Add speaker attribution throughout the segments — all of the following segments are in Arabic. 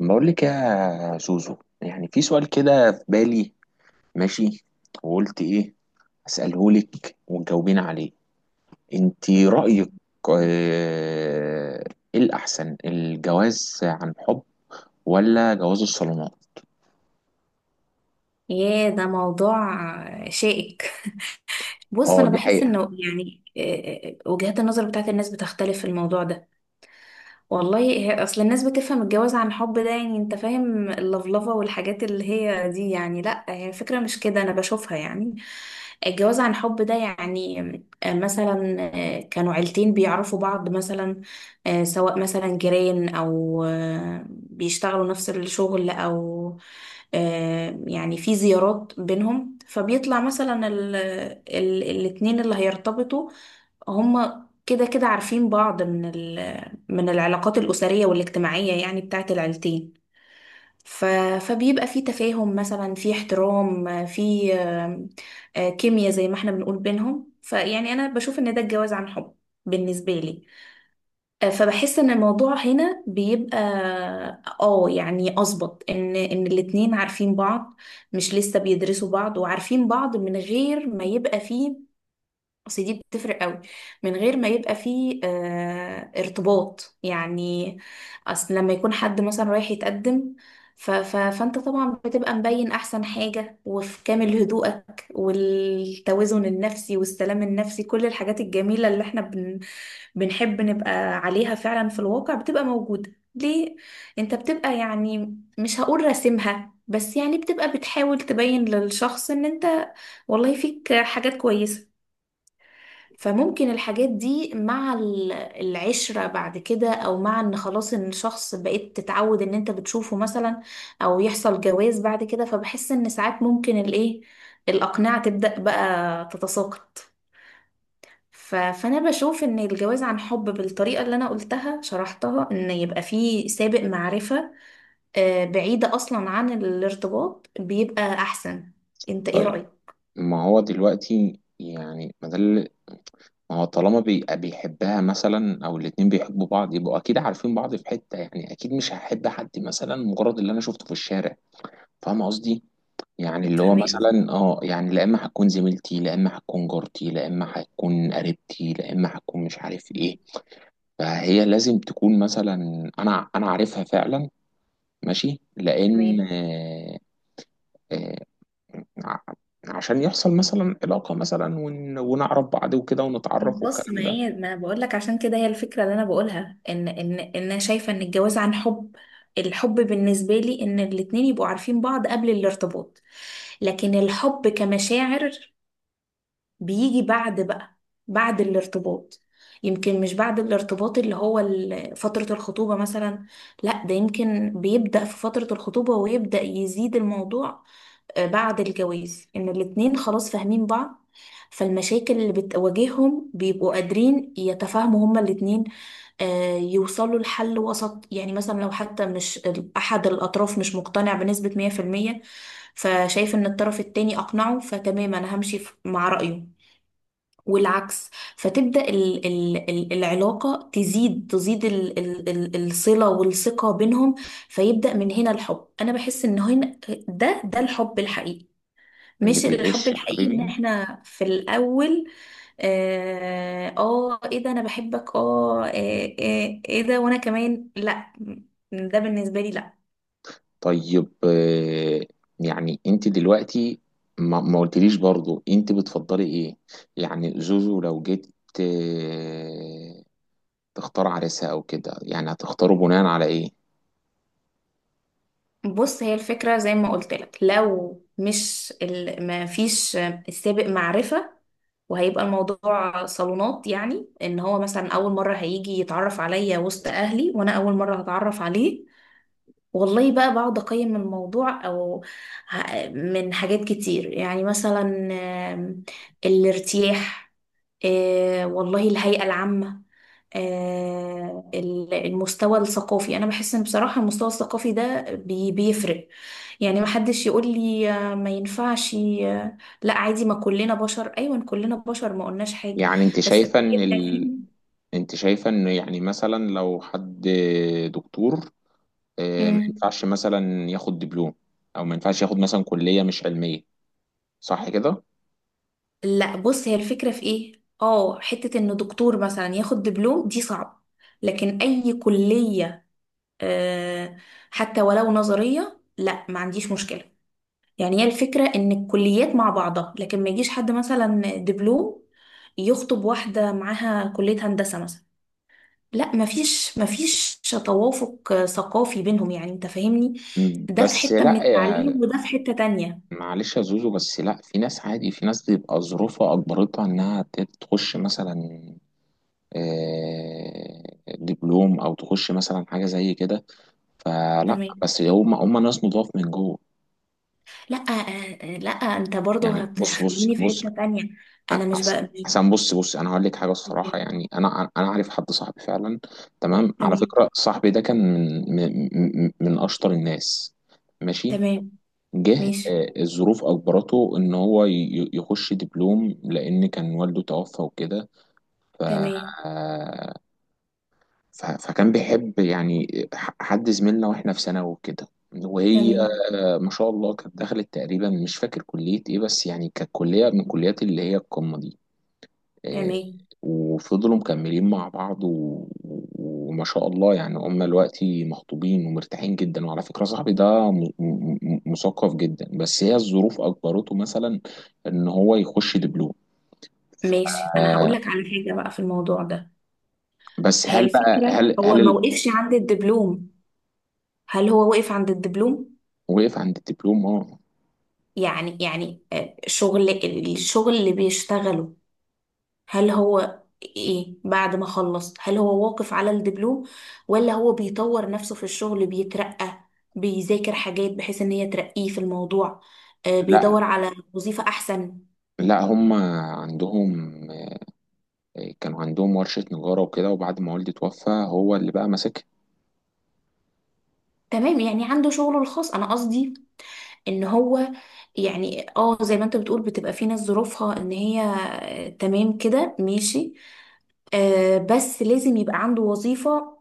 Speaker 1: بقول لك يا زوزو، يعني في سؤال كده في بالي. ماشي. وقلت ايه؟ اساله لك وتجاوبين عليه. انت رايك؟ آه، ايه الاحسن، الجواز عن حب ولا جواز الصالونات؟
Speaker 2: ياه ده موضوع شائك. بص
Speaker 1: اه
Speaker 2: انا
Speaker 1: دي
Speaker 2: بحس
Speaker 1: حقيقة.
Speaker 2: انه يعني وجهات النظر بتاعت الناس بتختلف في الموضوع ده. والله هي اصل الناس بتفهم الجواز عن حب ده، يعني انت فاهم اللفلفه والحاجات اللي هي دي، يعني لا هي فكره مش كده انا بشوفها. يعني الجواز عن حب ده يعني مثلا كانوا عيلتين بيعرفوا بعض مثلا، سواء مثلا جيران او بيشتغلوا نفس الشغل، او يعني في زيارات بينهم، فبيطلع مثلا ال ال الاتنين اللي هيرتبطوا هما كده كده عارفين بعض من العلاقات الأسرية والاجتماعية يعني بتاعت العيلتين. ف... فبيبقى في تفاهم، مثلا في احترام، في كيمياء زي ما احنا بنقول بينهم. فيعني أنا بشوف إن ده الجواز عن حب بالنسبة لي. فبحس إن الموضوع هنا بيبقى، اه يعني، أظبط إن الاتنين عارفين بعض، مش لسه بيدرسوا بعض وعارفين بعض من غير ما يبقى فيه، اصل دي بتفرق قوي، من غير ما يبقى فيه ارتباط يعني. اصل لما يكون حد مثلا رايح يتقدم، ف ف فانت طبعا بتبقى مبين احسن حاجة، وفي كامل هدوءك والتوازن النفسي والسلام النفسي، كل الحاجات الجميلة اللي احنا بنحب نبقى عليها، فعلا في الواقع بتبقى موجودة ليه. انت بتبقى يعني، مش هقول راسمها، بس يعني بتبقى بتحاول تبين للشخص ان انت والله فيك حاجات كويسة. فممكن الحاجات دي مع العشرة بعد كده، او مع ان خلاص ان الشخص بقيت تتعود ان انت بتشوفه مثلا، او يحصل جواز بعد كده، فبحس ان ساعات ممكن الايه، الاقنعة تبدأ بقى تتساقط. فانا بشوف ان الجواز عن حب بالطريقة اللي انا قلتها شرحتها، ان يبقى فيه سابق معرفة بعيدة اصلا عن الارتباط، بيبقى احسن. انت ايه
Speaker 1: طيب،
Speaker 2: رأيك؟
Speaker 1: ما هو دلوقتي، يعني ما ده اللي- ما هو طالما بيحبها مثلا او الاتنين بيحبوا بعض، يبقوا اكيد عارفين بعض في حتة. يعني اكيد مش هحب حد مثلا مجرد اللي انا شفته في الشارع. فاهم قصدي؟ يعني اللي هو
Speaker 2: فاهمين.
Speaker 1: مثلا اه، يعني لا اما هتكون زميلتي، لا اما هتكون جارتي، لا اما هتكون قريبتي، لا اما هتكون مش عارف ايه. فهي لازم تكون مثلا، انا عارفها فعلا. ماشي، لان
Speaker 2: تمام.
Speaker 1: آه، ع- عشان يحصل مثلا علاقة مثلا ونعرف بعض وكده ونتعرف
Speaker 2: بص،
Speaker 1: والكلام
Speaker 2: ما
Speaker 1: ده.
Speaker 2: هي ما انا بقول لك، عشان كده هي الفكره اللي انا بقولها ان انا شايفه ان الجواز عن حب، الحب بالنسبه لي ان الاتنين يبقوا عارفين بعض قبل الارتباط. لكن الحب كمشاعر بيجي بعد بقى، بعد الارتباط. يمكن مش بعد الارتباط، اللي هو فتره الخطوبه مثلا، لا ده يمكن بيبدا في فتره الخطوبه ويبدا يزيد الموضوع بعد الجواز، ان الاتنين خلاص فاهمين بعض. فالمشاكل اللي بتواجههم بيبقوا قادرين يتفاهموا هما الاتنين، يوصلوا لحل وسط، يعني مثلا لو حتى مش احد الاطراف مش مقتنع بنسبة 100%، فشايف ان الطرف التاني اقنعه فتمام، انا همشي مع رأيه، والعكس. فتبدأ ال ال ال العلاقة تزيد تزيد ال ال ال الصلة والثقة بينهم. فيبدأ من هنا الحب، أنا بحس إن هنا ده ده الحب الحقيقي،
Speaker 1: اللي
Speaker 2: مش الحب
Speaker 1: بيعيش يا
Speaker 2: الحقيقي ان
Speaker 1: حبيبي.
Speaker 2: احنا في الاول اه ايه ده انا بحبك، اه ايه ده وانا كمان، لا. ده بالنسبة لي لا.
Speaker 1: طيب يعني انت دلوقتي ما قلتليش برضو انت بتفضلي ايه. يعني زوزو لو جيت آه، تختار عريسها او كده، يعني هتختاره بناء على ايه؟
Speaker 2: بص هي الفكرة زي ما قلت لك، لو مش ما فيش السابق معرفة، وهيبقى الموضوع صالونات، يعني ان هو مثلا اول مرة هيجي يتعرف عليا وسط اهلي وانا اول مرة هتعرف عليه. والله بقى بقعد أقيم الموضوع أو من حاجات كتير، يعني مثلا آم، الارتياح، والله الهيئة العامة، المستوى الثقافي. أنا بحس إن بصراحة المستوى الثقافي ده بيفرق. يعني محدش يقول لي ما ينفعش لا عادي، ما كلنا بشر، أيوة كلنا بشر، ما قلناش حاجة،
Speaker 1: يعني انت
Speaker 2: بس
Speaker 1: شايفة ان
Speaker 2: بيبقى فيه.
Speaker 1: ال... انت شايفة ان يعني مثلا لو حد دكتور، ما
Speaker 2: مم.
Speaker 1: ينفعش مثلا ياخد دبلوم، او ما ينفعش ياخد مثلا كلية مش علمية؟ صح كده؟
Speaker 2: لا بص، هي الفكرة في ايه، اه حتة ان دكتور مثلا ياخد دبلوم دي صعب، لكن اي كلية، آه حتى ولو نظرية، لا ما عنديش مشكلة. يعني هي الفكرة ان الكليات مع بعضها، لكن ما يجيش حد مثلا دبلوم يخطب واحدة معاها كلية هندسة مثلا، لا ما فيش، توافق ثقافي بينهم، يعني انت فاهمني. ده في
Speaker 1: بس
Speaker 2: حتة من
Speaker 1: لا،
Speaker 2: التعليم وده في حتة تانية.
Speaker 1: معلش يا زوزو، بس لا، في ناس عادي، في ناس بيبقى ظروفها اجبرتها انها تخش مثلا آه، دبلوم، او تخش مثلا حاجه زي كده. فلا،
Speaker 2: تمام.
Speaker 1: بس هم ناس نضاف من جوه.
Speaker 2: لا لا انت برضو
Speaker 1: يعني بص بص
Speaker 2: هتخليني في
Speaker 1: بص
Speaker 2: حتة تانية. انا مش
Speaker 1: احسن
Speaker 2: بقى.
Speaker 1: احسن بص انا هقول لك حاجه الصراحه. يعني انا عارف حد صاحبي فعلا، تمام؟ على
Speaker 2: تمام.
Speaker 1: فكره صاحبي ده كان من من من اشطر الناس، ماشي؟
Speaker 2: تمام.
Speaker 1: جه
Speaker 2: ماشي.
Speaker 1: الظروف أجبرته إن هو يخش دبلوم، لأن كان والده توفى وكده. ف...
Speaker 2: تمام.
Speaker 1: آه، ف... فكان بيحب يعني حد زميلنا، وإحنا في ثانوي وكده. وهي
Speaker 2: تمام.
Speaker 1: ما شاء الله كانت دخلت تقريبا، مش فاكر كلية إيه، بس يعني كانت كلية من كليات اللي هي القمة دي. آه،
Speaker 2: تمام.
Speaker 1: وفضلوا مكملين مع بعض و... وما شاء الله يعني هم دلوقتي مخطوبين ومرتاحين جدا. وعلى فكرة صاحبي ده مثقف جدا، بس هي الظروف أجبرته مثلا إن هو يخش دبلوم.
Speaker 2: ماشي، انا هقول
Speaker 1: آه،
Speaker 2: لك على حاجة بقى في الموضوع ده.
Speaker 1: بس
Speaker 2: هي
Speaker 1: هل بقى
Speaker 2: الفكرة هو ما وقفش عند الدبلوم، هل هو وقف عند الدبلوم؟
Speaker 1: وقف عند الدبلوم، اه؟
Speaker 2: يعني شغل، الشغل اللي بيشتغله، هل هو ايه بعد ما خلص، هل هو واقف على الدبلوم، ولا هو بيطور نفسه في الشغل، بيترقى، بيذاكر حاجات بحيث ان هي ترقيه في الموضوع،
Speaker 1: لا
Speaker 2: بيدور على وظيفة احسن.
Speaker 1: لا هم عندهم، كانوا عندهم ورشة نجارة وكده، وبعد ما والدي توفى هو اللي بقى ماسكها.
Speaker 2: تمام، يعني عنده شغله الخاص، انا قصدي ان هو يعني اه زي ما انت بتقول بتبقى في ناس ظروفها ان هي تمام كده ماشي، بس لازم يبقى عنده وظيفة.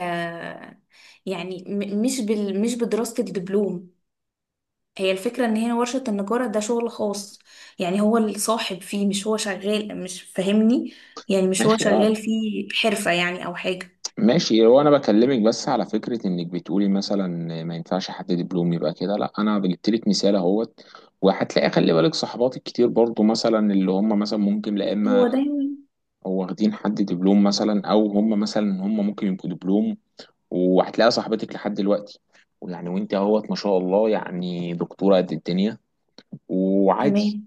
Speaker 2: آه يعني مش بال مش بدراسة الدبلوم. هي الفكرة ان هي ورشة النجارة ده شغل خاص، يعني هو الصاحب فيه، مش هو شغال، مش فاهمني؟ يعني مش هو
Speaker 1: ماشي اه.
Speaker 2: شغال فيه حرفة يعني او حاجة.
Speaker 1: ماشي، هو انا بكلمك بس على فكره، انك بتقولي مثلا ما ينفعش حد دبلوم يبقى كده، لا، انا جبت لك مثال اهوت. وهتلاقي، خلي بالك، صحباتك كتير برضو مثلا اللي هم مثلا ممكن لا اما
Speaker 2: هو دايما.
Speaker 1: هو واخدين حد دبلوم، مثلا، او هم مثلا هم ممكن يبقوا دبلوم، وهتلاقي صاحبتك لحد دلوقتي ويعني، وانت اهوت ما شاء الله، يعني دكتوره قد الدنيا، وعادي.
Speaker 2: تمام.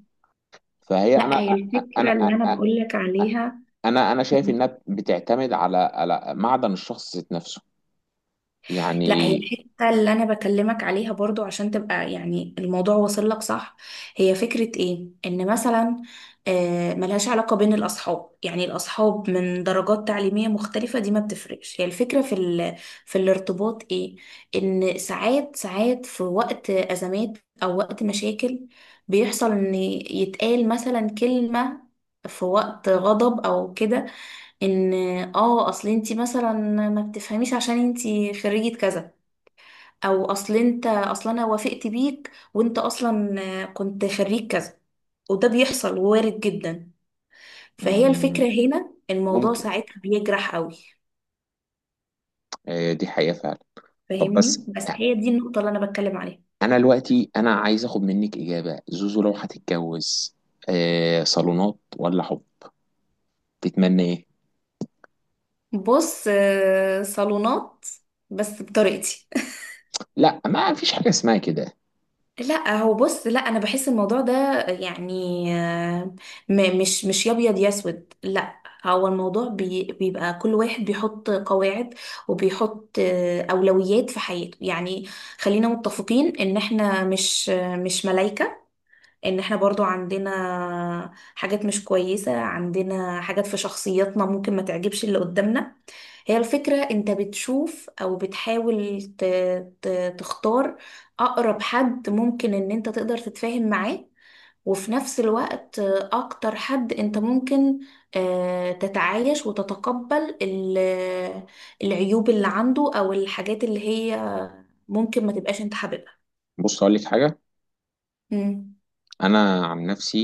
Speaker 1: فهي
Speaker 2: لا هي الفكرة اللي انا
Speaker 1: انا
Speaker 2: بقولك عليها.
Speaker 1: انا شايف انها بتعتمد على على معدن الشخص ذات نفسه
Speaker 2: لا هي
Speaker 1: يعني.
Speaker 2: الحتة اللي أنا بكلمك عليها برضو، عشان تبقى يعني الموضوع واصل لك صح. هي فكرة إيه؟ إن مثلا، ملهاش علاقة بين الأصحاب، يعني الأصحاب من درجات تعليمية مختلفة دي ما بتفرقش. هي الفكرة في في الارتباط إيه؟ إن ساعات ساعات في وقت أزمات أو وقت مشاكل، بيحصل إن يتقال مثلا كلمة في وقت غضب او كده، ان اه اصل انتي مثلا ما بتفهميش عشان انتي خريجة كذا، او اصل انت اصلا انا وافقت بيك وانت اصلا كنت خريج كذا. وده بيحصل، وارد جدا. فهي
Speaker 1: مم،
Speaker 2: الفكرة هنا الموضوع
Speaker 1: ممكن،
Speaker 2: ساعتها بيجرح قوي.
Speaker 1: دي حقيقة فعلا. طب بس،
Speaker 2: فاهمني؟ بس هي دي النقطة اللي انا بتكلم عليها.
Speaker 1: أنا دلوقتي أنا عايز آخد منك إجابة. زوزو لو هتتجوز صالونات ولا حب، تتمنى إيه؟
Speaker 2: بص، صالونات، بس بطريقتي.
Speaker 1: لا، ما فيش حاجة اسمها كده.
Speaker 2: لا هو بص، لا انا بحس الموضوع ده يعني مش يا ابيض يا اسود، لا. هو الموضوع بيبقى كل واحد بيحط قواعد، وبيحط اولويات في حياته. يعني خلينا متفقين ان احنا مش مش ملايكة، ان احنا برضو عندنا حاجات مش كويسة، عندنا حاجات في شخصياتنا ممكن ما تعجبش اللي قدامنا. هي الفكرة انت بتشوف او بتحاول تختار اقرب حد ممكن ان انت تقدر تتفاهم معاه، وفي نفس الوقت اكتر حد انت ممكن تتعايش وتتقبل العيوب اللي عنده، او الحاجات اللي هي ممكن ما تبقاش انت حاببها.
Speaker 1: بص أقول لك حاجة،
Speaker 2: مم.
Speaker 1: أنا عن نفسي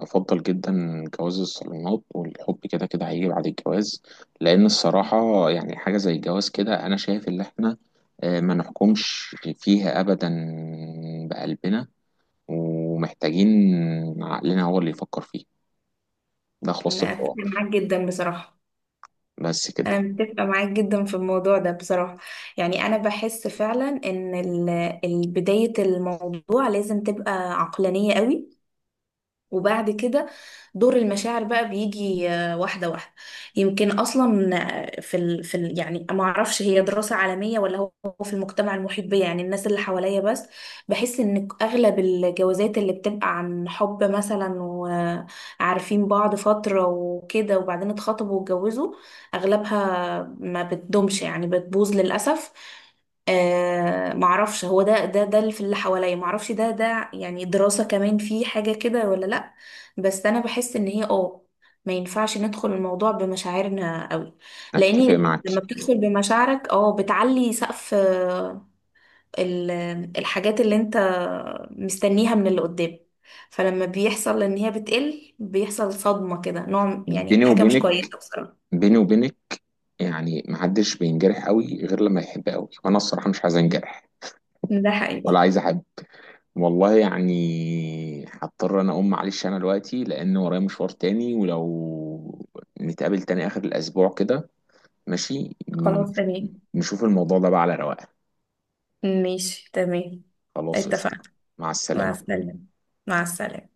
Speaker 1: أفضل جدا جواز الصالونات، والحب كده كده هيجي بعد الجواز. لأن الصراحة يعني حاجة زي الجواز كده، أنا شايف إن إحنا ما نحكمش فيها أبدا بقلبنا، ومحتاجين عقلنا هو اللي يفكر فيه. ده خلاصة
Speaker 2: انا اتفق
Speaker 1: الحوار،
Speaker 2: معاك جدا بصراحة.
Speaker 1: بس كده.
Speaker 2: انا متفقه معاك جدا في الموضوع ده بصراحه. يعني انا بحس فعلا ان بدايه الموضوع لازم تبقى عقلانيه قوي، وبعد كده دور المشاعر بقى بيجي واحدة واحدة. يمكن أصلا في يعني ما أعرفش، هي دراسة عالمية ولا هو هو في المجتمع المحيط بيا، يعني الناس اللي حواليا بس، بحس إن أغلب الجوازات اللي بتبقى عن حب مثلا، وعارفين بعض فترة وكده، وبعدين اتخطبوا واتجوزوا، أغلبها ما بتدومش، يعني بتبوظ للأسف. معرفش هو ده اللي في اللي حواليا، معرفش ده يعني دراسة كمان في حاجة كده ولا لأ. بس أنا بحس إن هي اه ما ينفعش ندخل الموضوع بمشاعرنا قوي.
Speaker 1: اتفق
Speaker 2: لأني
Speaker 1: معاك.
Speaker 2: لما بتدخل بمشاعرك اه بتعلي سقف ال- الحاجات اللي انت مستنيها من اللي قدام. فلما بيحصل إن هي بتقل، بيحصل صدمة كده، نوع يعني
Speaker 1: بيني
Speaker 2: حاجة مش
Speaker 1: وبينك،
Speaker 2: كويسة بصراحة.
Speaker 1: بيني وبينك، يعني محدش بينجرح قوي غير لما يحب قوي، وانا الصراحة مش عايز انجرح
Speaker 2: ده حقيقي.
Speaker 1: ولا عايز احب. والله يعني هضطر انا اقوم، معلش انا دلوقتي لان ورايا مشوار تاني. ولو نتقابل تاني اخر الاسبوع كده، ماشي؟
Speaker 2: خلاص تمام.
Speaker 1: نشوف الموضوع ده بقى على رواقه.
Speaker 2: ماشي تمام.
Speaker 1: خلاص قشطة.
Speaker 2: اتفقنا.
Speaker 1: مع
Speaker 2: مع
Speaker 1: السلامة.
Speaker 2: السلامة. مع السلامة.